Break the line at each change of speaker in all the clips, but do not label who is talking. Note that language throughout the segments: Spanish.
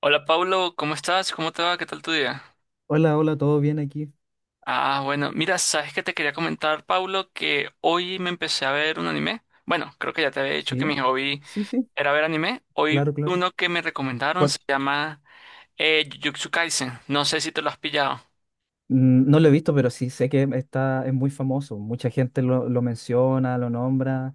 Hola Paulo, ¿cómo estás? ¿Cómo te va? ¿Qué tal tu día?
Hola, hola, ¿todo bien aquí?
Ah, bueno, mira, sabes que te quería comentar, Paulo, que hoy me empecé a ver un anime. Bueno, creo que ya te había dicho que
Sí,
mi hobby
sí, sí,
era ver anime. Hoy
claro, claro.
uno que me recomendaron
¿Cuál?
se llama Jujutsu Kaisen. No sé si te lo has pillado.
Mm, no lo he visto, pero sí sé que es muy famoso. Mucha gente lo menciona, lo nombra.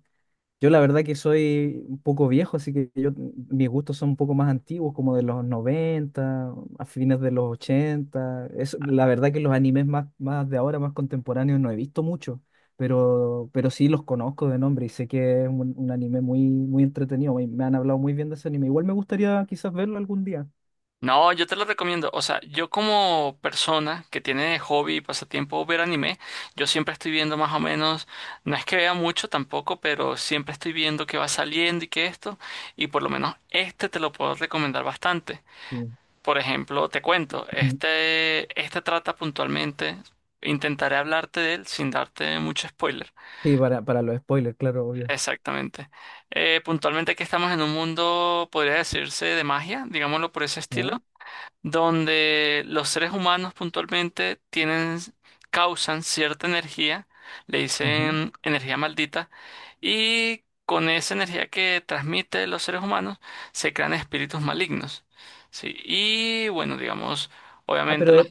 Yo la verdad que soy un poco viejo, así que mis gustos son un poco más antiguos, como de los 90 a fines de los ochenta. La verdad que los animes más de ahora, más contemporáneos, no he visto mucho, pero sí los conozco de nombre y sé que es un anime muy, muy entretenido. Me han hablado muy bien de ese anime. Igual me gustaría quizás verlo algún día.
No, yo te lo recomiendo. O sea, yo como persona que tiene de hobby y pasatiempo ver anime, yo siempre estoy viendo más o menos, no es que vea mucho tampoco, pero siempre estoy viendo qué va saliendo y qué esto, y por lo menos este te lo puedo recomendar bastante.
Sí.
Por ejemplo, te cuento,
Mm.
este trata puntualmente, intentaré hablarte de él sin darte mucho spoiler.
Sí, para los spoilers, claro, obvio.
Exactamente. Puntualmente que estamos en un mundo, podría decirse, de magia, digámoslo por ese estilo,
¿Ya?
donde los seres humanos puntualmente tienen, causan cierta energía, le
Ujú.
dicen energía maldita, y con esa energía que transmite los seres humanos se crean espíritus malignos. Sí, y bueno, digamos,
Ah,
obviamente
pero
los...
es-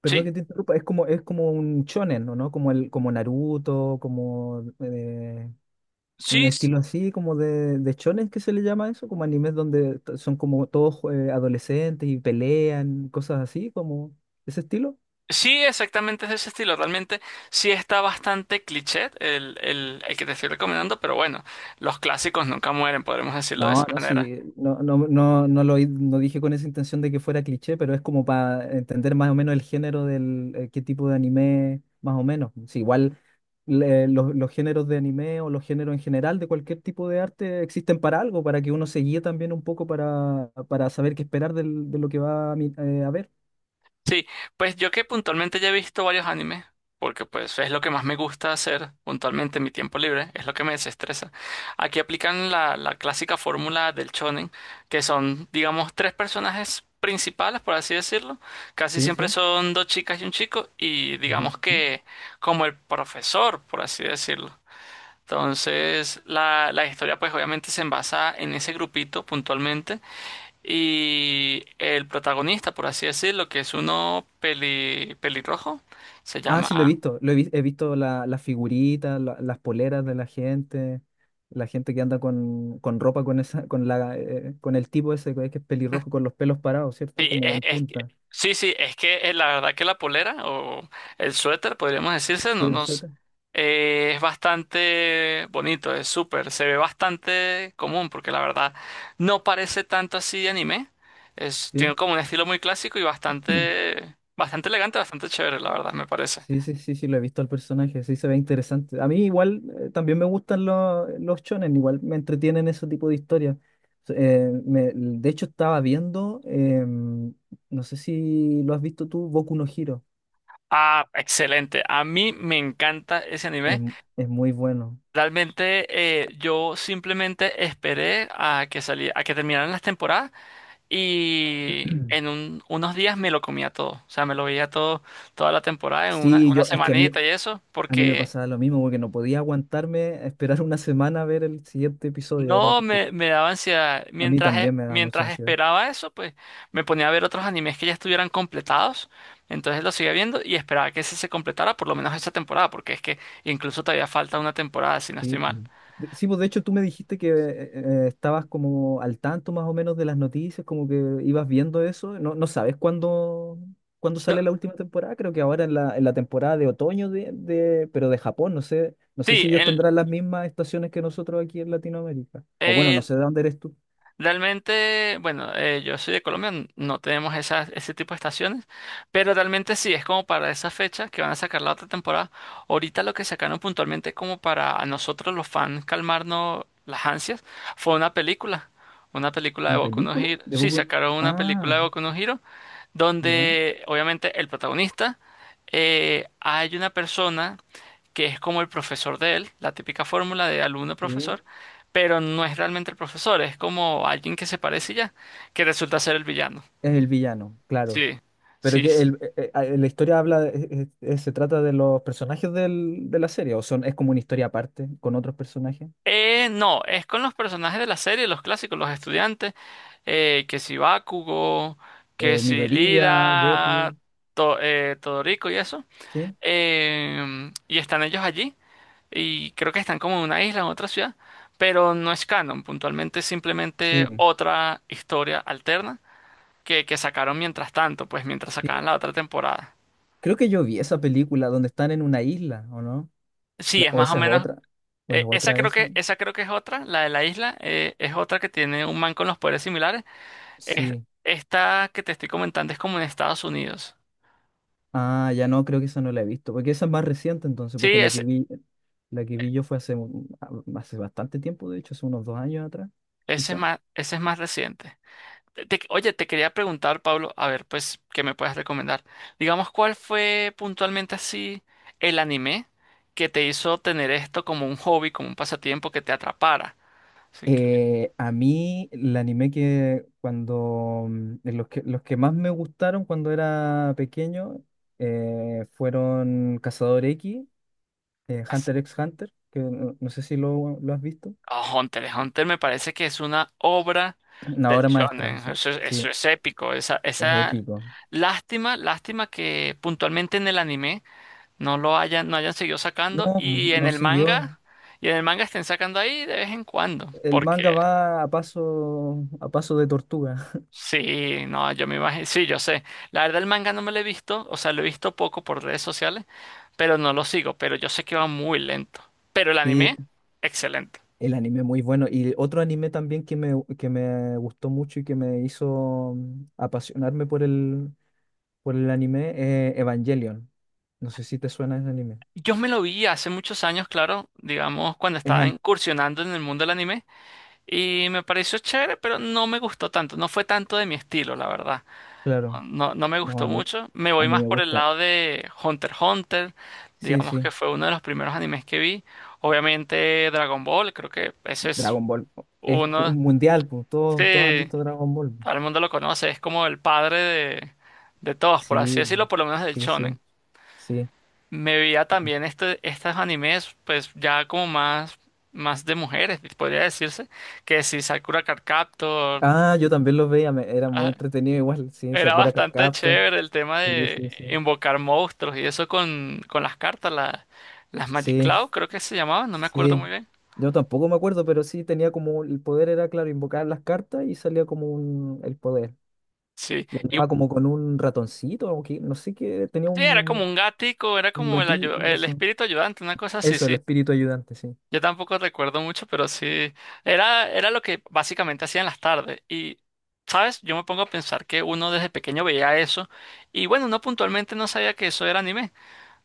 perdón que
Sí,
te interrumpa, es es como un shonen, ¿no? Como como Naruto, como un
sí,
estilo así, como de shonen que se le llama eso, como animes donde son como todos adolescentes y pelean, cosas así, como ese estilo.
sí, exactamente es de ese estilo. Realmente sí está bastante cliché el que te estoy recomendando, pero bueno, los clásicos nunca mueren, podremos decirlo de esa
No, no,
manera.
sí, no, no, no, no dije con esa intención de que fuera cliché, pero es como para entender más o menos el género qué tipo de anime, más o menos. Sí, igual. Los géneros de anime o los géneros en general de cualquier tipo de arte existen para algo, para que uno se guíe también un poco para saber qué esperar de lo que va a ver.
Sí, pues yo que puntualmente ya he visto varios animes, porque pues es lo que más me gusta hacer puntualmente en mi tiempo libre, es lo que me desestresa. Aquí aplican la clásica fórmula del shonen, que son, digamos, tres personajes principales, por así decirlo. Casi
Sí,
siempre
sí.
son dos chicas y un chico, y
Ujú.
digamos que como el profesor, por así decirlo. Entonces, la historia pues obviamente se envasa en ese grupito puntualmente y el protagonista, por así decirlo, que es uno pelirrojo, se
Ah, sí, lo he
llama...
visto. He visto las figuritas, las poleras de la gente que anda con ropa con esa, con el tipo ese que es pelirrojo con los pelos parados, ¿cierto?
Sí,
Como
es,
en punta.
sí, sí, es que la verdad que la polera o el suéter, podríamos decirse,
Sí,
no,
el
nos,
suéter.
es bastante bonito, es súper, se ve bastante común porque la verdad no parece tanto así de anime, es,
¿Sí?
tiene como un estilo muy clásico y bastante, bastante elegante, bastante chévere, la verdad, me parece.
Sí, sí, sí, sí, lo he visto al personaje, sí se ve interesante. A mí igual también me gustan los chones, igual me entretienen ese tipo de historias. De hecho estaba viendo, no sé si lo has visto tú, Boku no Hero.
Ah, excelente, a mí me encanta ese
Es,
anime.
es muy bueno.
Realmente yo simplemente esperé a a que terminaran las temporadas y en unos días me lo comía todo. O sea, me lo veía todo, toda la temporada en una,
Sí,
una
es que
semanita y eso,
a mí me
porque
pasaba lo mismo, porque no podía aguantarme a esperar una semana a ver el siguiente episodio.
no me, me daba ansiedad.
A mí
Mientras,
también me da mucha
mientras
ansiedad.
esperaba eso, pues me ponía a ver otros animes que ya estuvieran completados. Entonces lo seguía viendo y esperaba que ese se completara por lo menos esa temporada, porque es que incluso todavía falta una temporada, si no estoy
Sí, pues.
mal.
Sí, pues de hecho tú me dijiste que estabas como al tanto más o menos de las noticias, como que ibas viendo eso. No, no sabes cuándo
No,
sale la última temporada, creo que ahora en en la temporada de otoño pero de Japón, no sé, no sé
sí,
si ellos tendrán las mismas estaciones que nosotros aquí en Latinoamérica. O bueno, no
eh,
sé de dónde eres tú.
Bueno, yo soy de Colombia, no tenemos esas, ese tipo de estaciones, pero realmente sí, es como para esa fecha que van a sacar la otra temporada. Ahorita lo que sacaron puntualmente como para a nosotros los fans calmarnos las ansias fue una película de
¿Una
Boku no
película?
Hero. Sí, sacaron una película
Ah,
de Boku no Hero
ya.
donde obviamente el protagonista, hay una persona que es como el profesor de él, la típica fórmula de
Sí.
alumno-profesor, pero no es realmente el profesor, es como alguien que se parece y ya, que resulta ser el villano.
Es el villano, claro.
Sí,
Pero
sí,
que
sí.
la historia habla, se trata de los personajes de la serie, o son, es como una historia aparte con otros personajes.
No, es con los personajes de la serie, los clásicos, los estudiantes, que si Bakugo, que si
Midoriya,
Lida,
Deku.
Todoroki y eso.
¿Sí?
Y están ellos allí, y creo que están como en una isla, en otra ciudad, pero no es canon, puntualmente es
Sí,
simplemente
po,
otra historia alterna que sacaron mientras tanto, pues mientras sacaban
sí.
la otra temporada.
Creo que yo vi esa película donde están en una isla, ¿o no?
Sí, es
O
más o
esa es
menos,
otra, o es otra esa.
esa creo que es otra, la de la isla, es otra que tiene un man con los poderes similares. Es-
Sí.
Esta que te estoy comentando es como en Estados Unidos.
Ah, ya no, creo que esa no la he visto, porque esa es más reciente entonces,
Sí,
porque la que vi yo fue hace bastante tiempo, de hecho, hace unos 2 años atrás, quizás.
ese es más reciente. Oye, te quería preguntar, Pablo, a ver, pues, ¿qué me puedes recomendar? Digamos, ¿cuál fue puntualmente así el anime que te hizo tener esto como un hobby, como un pasatiempo que te atrapara? Así que me
A mí el anime que de los que más me gustaron cuando era pequeño fueron Cazador X,
digas,
Hunter x Hunter, que no, no sé si lo has visto.
"Oh, Hunter x Hunter me parece que es una obra
Una
del
obra maestra,
shonen".
sí,
Eso, es, eso
sí,
es épico. Esa,
es
esa
épico.
Lástima, lástima que puntualmente en el anime no hayan seguido sacando,
No,
y en
no
el
siguió.
manga, y en el manga estén sacando ahí de vez en cuando,
El
porque
manga va a paso de tortuga.
sí, no, yo me imagino, sí, yo sé. La verdad, el manga no me lo he visto, o sea, lo he visto poco por redes sociales, pero no lo sigo, pero yo sé que va muy lento. Pero el
Sí,
anime, excelente.
el anime muy bueno. Y otro anime también que me gustó mucho y que me hizo apasionarme por el anime, Evangelion. No sé si te suena ese anime.
Yo me lo vi hace muchos años, claro, digamos, cuando
Es
estaba
an-
incursionando en el mundo del anime, y me pareció chévere, pero no me gustó tanto, no fue tanto de mi estilo, la verdad.
claro,
No, no me
no,
gustó mucho. Me
a
voy
mí
más
me
por el
gusta.
lado de Hunter x Hunter,
Sí,
digamos que
sí,
fue uno de los primeros animes que vi. Obviamente Dragon Ball, creo que ese es
Dragon Ball. Es
uno,
un mundial, pues, todos, todos han
sí,
visto Dragon Ball.
todo el mundo lo conoce, es como el padre de todos, por así
Sí,
decirlo, por lo menos del
sí,
shonen.
sí, sí.
Me veía también estos animes, pues ya como más, más de mujeres, podría decirse, que si Sakura Card Captor,
Ah, yo también los veía, era muy
ah,
entretenido igual, sí,
era
Sakura Card
bastante
Captor.
chévere el tema
Sí,
de
sí, sí.
invocar monstruos y eso con las cartas, las Magic
Sí,
Cloud, creo que se llamaban, no me acuerdo muy
sí.
bien.
Yo tampoco me acuerdo, pero sí tenía como el poder era, claro, invocar las cartas y salía como el poder.
Sí,
Y
y
andaba como con un ratoncito, o que, no sé qué, tenía
sí, era como un gatico, era
un
como el,
gatillo,
el
eso.
espíritu ayudante, una cosa así,
Eso, el
sí.
espíritu ayudante, sí.
Yo tampoco recuerdo mucho, pero sí, era, era lo que básicamente hacía en las tardes. Y, ¿sabes? Yo me pongo a pensar que uno desde pequeño veía eso y bueno, uno puntualmente no sabía que eso era anime.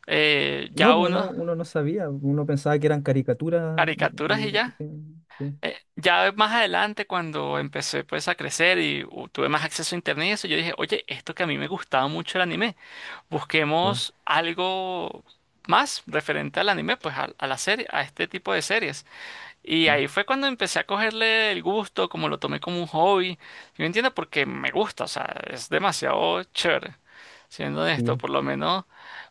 Eh,
No,
ya
pues,
uno,
uno no sabía, uno pensaba que eran caricaturas.
caricaturas y ya.
Sí, sí,
Ya más adelante, cuando empecé pues a crecer y tuve más acceso a internet y eso, yo dije, oye, esto que a mí me gustaba mucho el anime,
sí,
busquemos algo más referente al anime, pues a la serie, a este tipo de series. Y
sí,
ahí fue cuando empecé a cogerle el gusto, como lo tomé como un hobby. Yo entiendo porque me gusta, o sea, es demasiado chévere, siendo honesto,
sí.
por lo menos.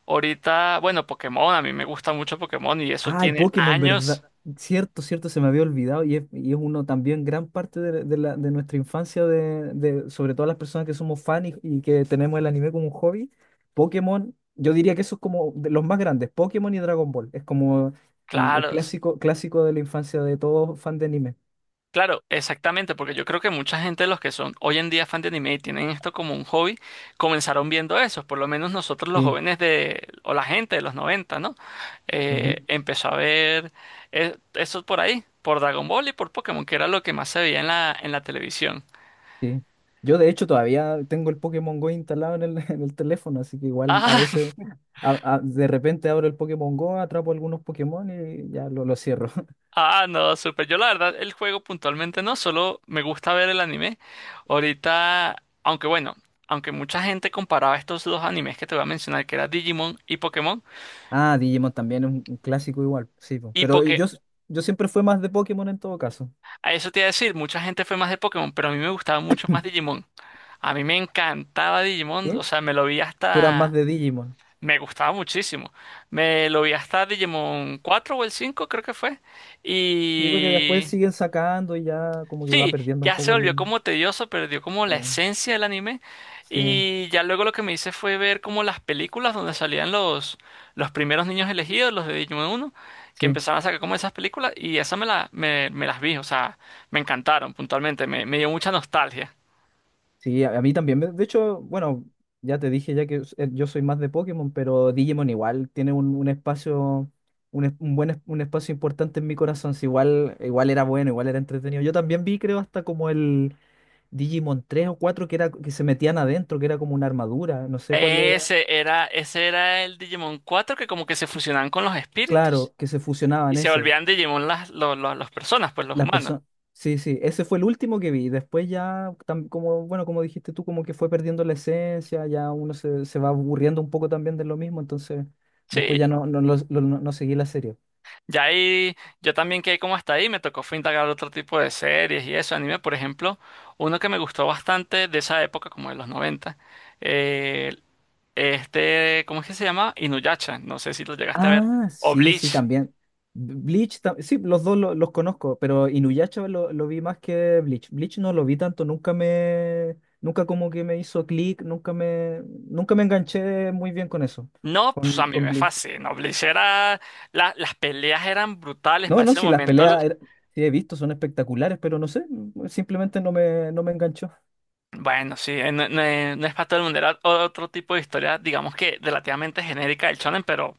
Ahorita, bueno, Pokémon, a mí me gusta mucho Pokémon y eso
Ay,
tiene
Pokémon,
años.
¿verdad? Cierto, cierto, se me había olvidado y es uno también gran parte de, de nuestra infancia, de, sobre todo las personas que somos fan y que tenemos el anime como un hobby. Pokémon, yo diría que eso es como de los más grandes, Pokémon y Dragon Ball. Es como el
Claro, s-
clásico, clásico de la infancia de todo fan de anime.
claro, exactamente, porque yo creo que mucha gente de los que son hoy en día fan de anime y tienen esto como un hobby, comenzaron viendo eso, por lo menos nosotros los
Sí,
jóvenes de, o la gente de los noventa, ¿no?
ujú,
Empezó a ver eso por ahí, por Dragon Ball y por Pokémon, que era lo que más se veía en en la televisión.
sí. Yo de hecho todavía tengo el Pokémon Go instalado en el, en el teléfono, así que igual a
Ah,
veces... De repente abro el Pokémon Go, atrapo algunos Pokémon y ya lo cierro.
ah, no, súper. Yo la verdad, el juego puntualmente no, solo me gusta ver el anime. Ahorita, aunque bueno, aunque mucha gente comparaba estos dos animes que te voy a mencionar, que era Digimon y Pokémon,
Ah, Digimon también es un clásico igual, sí, po.
y
Pero
porque
yo siempre fui más de Pokémon en todo caso.
a eso te iba a decir, mucha gente fue más de Pokémon, pero a mí me gustaba mucho más Digimon. A mí me encantaba Digimon, o
¿Sí?
sea, me lo vi
Tú eras más
hasta...
de Digimon.
Me gustaba muchísimo. Me lo vi hasta Digimon 4 o el cinco, creo que fue.
Sí, porque después
Y
siguen sacando y ya como que va
sí,
perdiendo un
ya se
poco el...
volvió como tedioso, perdió como
Sí,
la esencia del anime.
sí,
Y ya luego lo que me hice fue ver como las películas donde salían los primeros niños elegidos, los de Digimon 1, que
sí.
empezaban a sacar como esas películas. Y esas me las vi, o sea, me encantaron puntualmente, me dio mucha nostalgia.
Sí, a mí también. De hecho, bueno, ya te dije ya que yo soy más de Pokémon, pero Digimon igual tiene un espacio, un, es- un buen es- un espacio importante en mi corazón. Sí, igual, igual era bueno, igual era entretenido. Yo también vi, creo, hasta como el... Digimon 3 o 4 que, era, que se metían adentro, que era como una armadura, no sé cuál era.
Ese era el Digimon 4, que como que se fusionaban con los espíritus.
Claro, que se
Y
fusionaban
se
ese.
volvían Digimon las, las personas, pues los
Las
humanos.
personas. Sí, sí, ese fue el último que vi. Después ya, como, bueno, como dijiste tú, como que fue perdiendo la esencia, ya uno se, se va aburriendo un poco también de lo mismo, entonces después
Sí,
ya no, no, no seguí la serie.
ya ahí yo también quedé como hasta ahí, me tocó fue indagar otro tipo de series y eso, anime, por ejemplo, uno que me gustó bastante de esa época, como de los noventa, eh, ¿cómo es que se llama? Inuyasha, no sé si lo llegaste a ver,
Ah,
o
sí, sí,
Bleach.
también. Sí, los dos los conozco, pero Inuyasha lo vi más que Bleach. Bleach no lo vi tanto, nunca como que me hizo clic, nunca me, nunca me enganché muy bien con eso,
No, pues a mí
con
me
Bleach.
fascina, Bleach era, las peleas eran brutales
No,
para
no,
ese
sí,
momento,
sí he visto, son espectaculares, pero no sé, simplemente no me enganchó.
bueno, sí, no, no es para todo el mundo, era otro tipo de historia, digamos que relativamente genérica del shonen, pero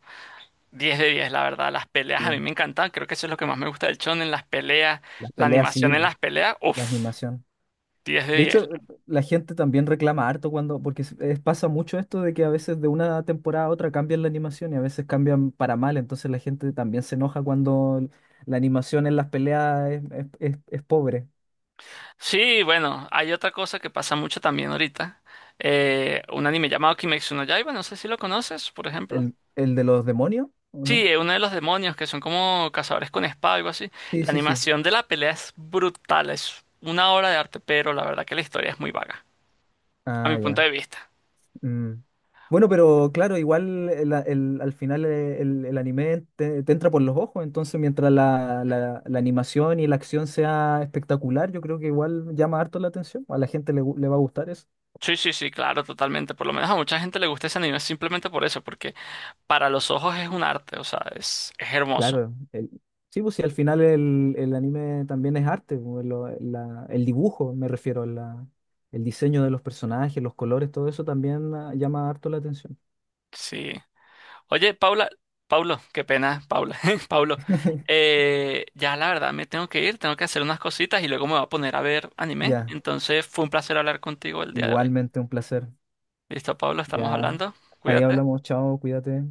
10 de 10 la verdad, las
Sí,
peleas a mí me encantan, creo que eso es lo que más me gusta del en las peleas,
las
la
peleas sí,
animación en
po,
las peleas,
la
uff,
animación.
diez de
De
diez
hecho, la gente también reclama harto cuando, porque pasa mucho esto de que a veces de una temporada a otra cambian la animación y a veces cambian para mal, entonces la gente también se enoja cuando la animación en las peleas es pobre.
Sí, bueno, hay otra cosa que pasa mucho también ahorita, un anime llamado Kimetsu no Yaiba, no sé si lo conoces, por ejemplo.
El de los demonios? ¿O
Sí,
no?
uno de los demonios que son como cazadores con espada, algo así.
Sí,
La
sí, sí.
animación de la pelea es brutal, es una obra de arte, pero la verdad que la historia es muy vaga, a mi
Ah,
punto
ya.
de vista.
Mm. Bueno, pero claro, igual al final el anime te, te entra por los ojos, entonces mientras la animación y la acción sea espectacular, yo creo que igual llama harto la atención, a la gente le va a gustar eso.
Sí, sí, sí, claro, totalmente. Por lo menos a mucha gente le gusta ese anime simplemente por eso, porque para los ojos es un arte, o sea, es hermoso.
Claro, el- sí, pues si al final el anime también es arte, pues, el dibujo me refiero, el diseño de los personajes, los colores, todo eso también ah, llama harto la atención.
Sí. Oye, Paula, Paulo, qué pena, Paula, Paulo. Ya la verdad me tengo que ir, tengo que hacer unas cositas y luego me voy a poner a ver anime.
Ya,
Entonces fue un placer hablar contigo el día de hoy.
igualmente un placer.
Listo, Paulo, estamos
Ya,
hablando.
ahí
Cuídate.
hablamos, chao, cuídate.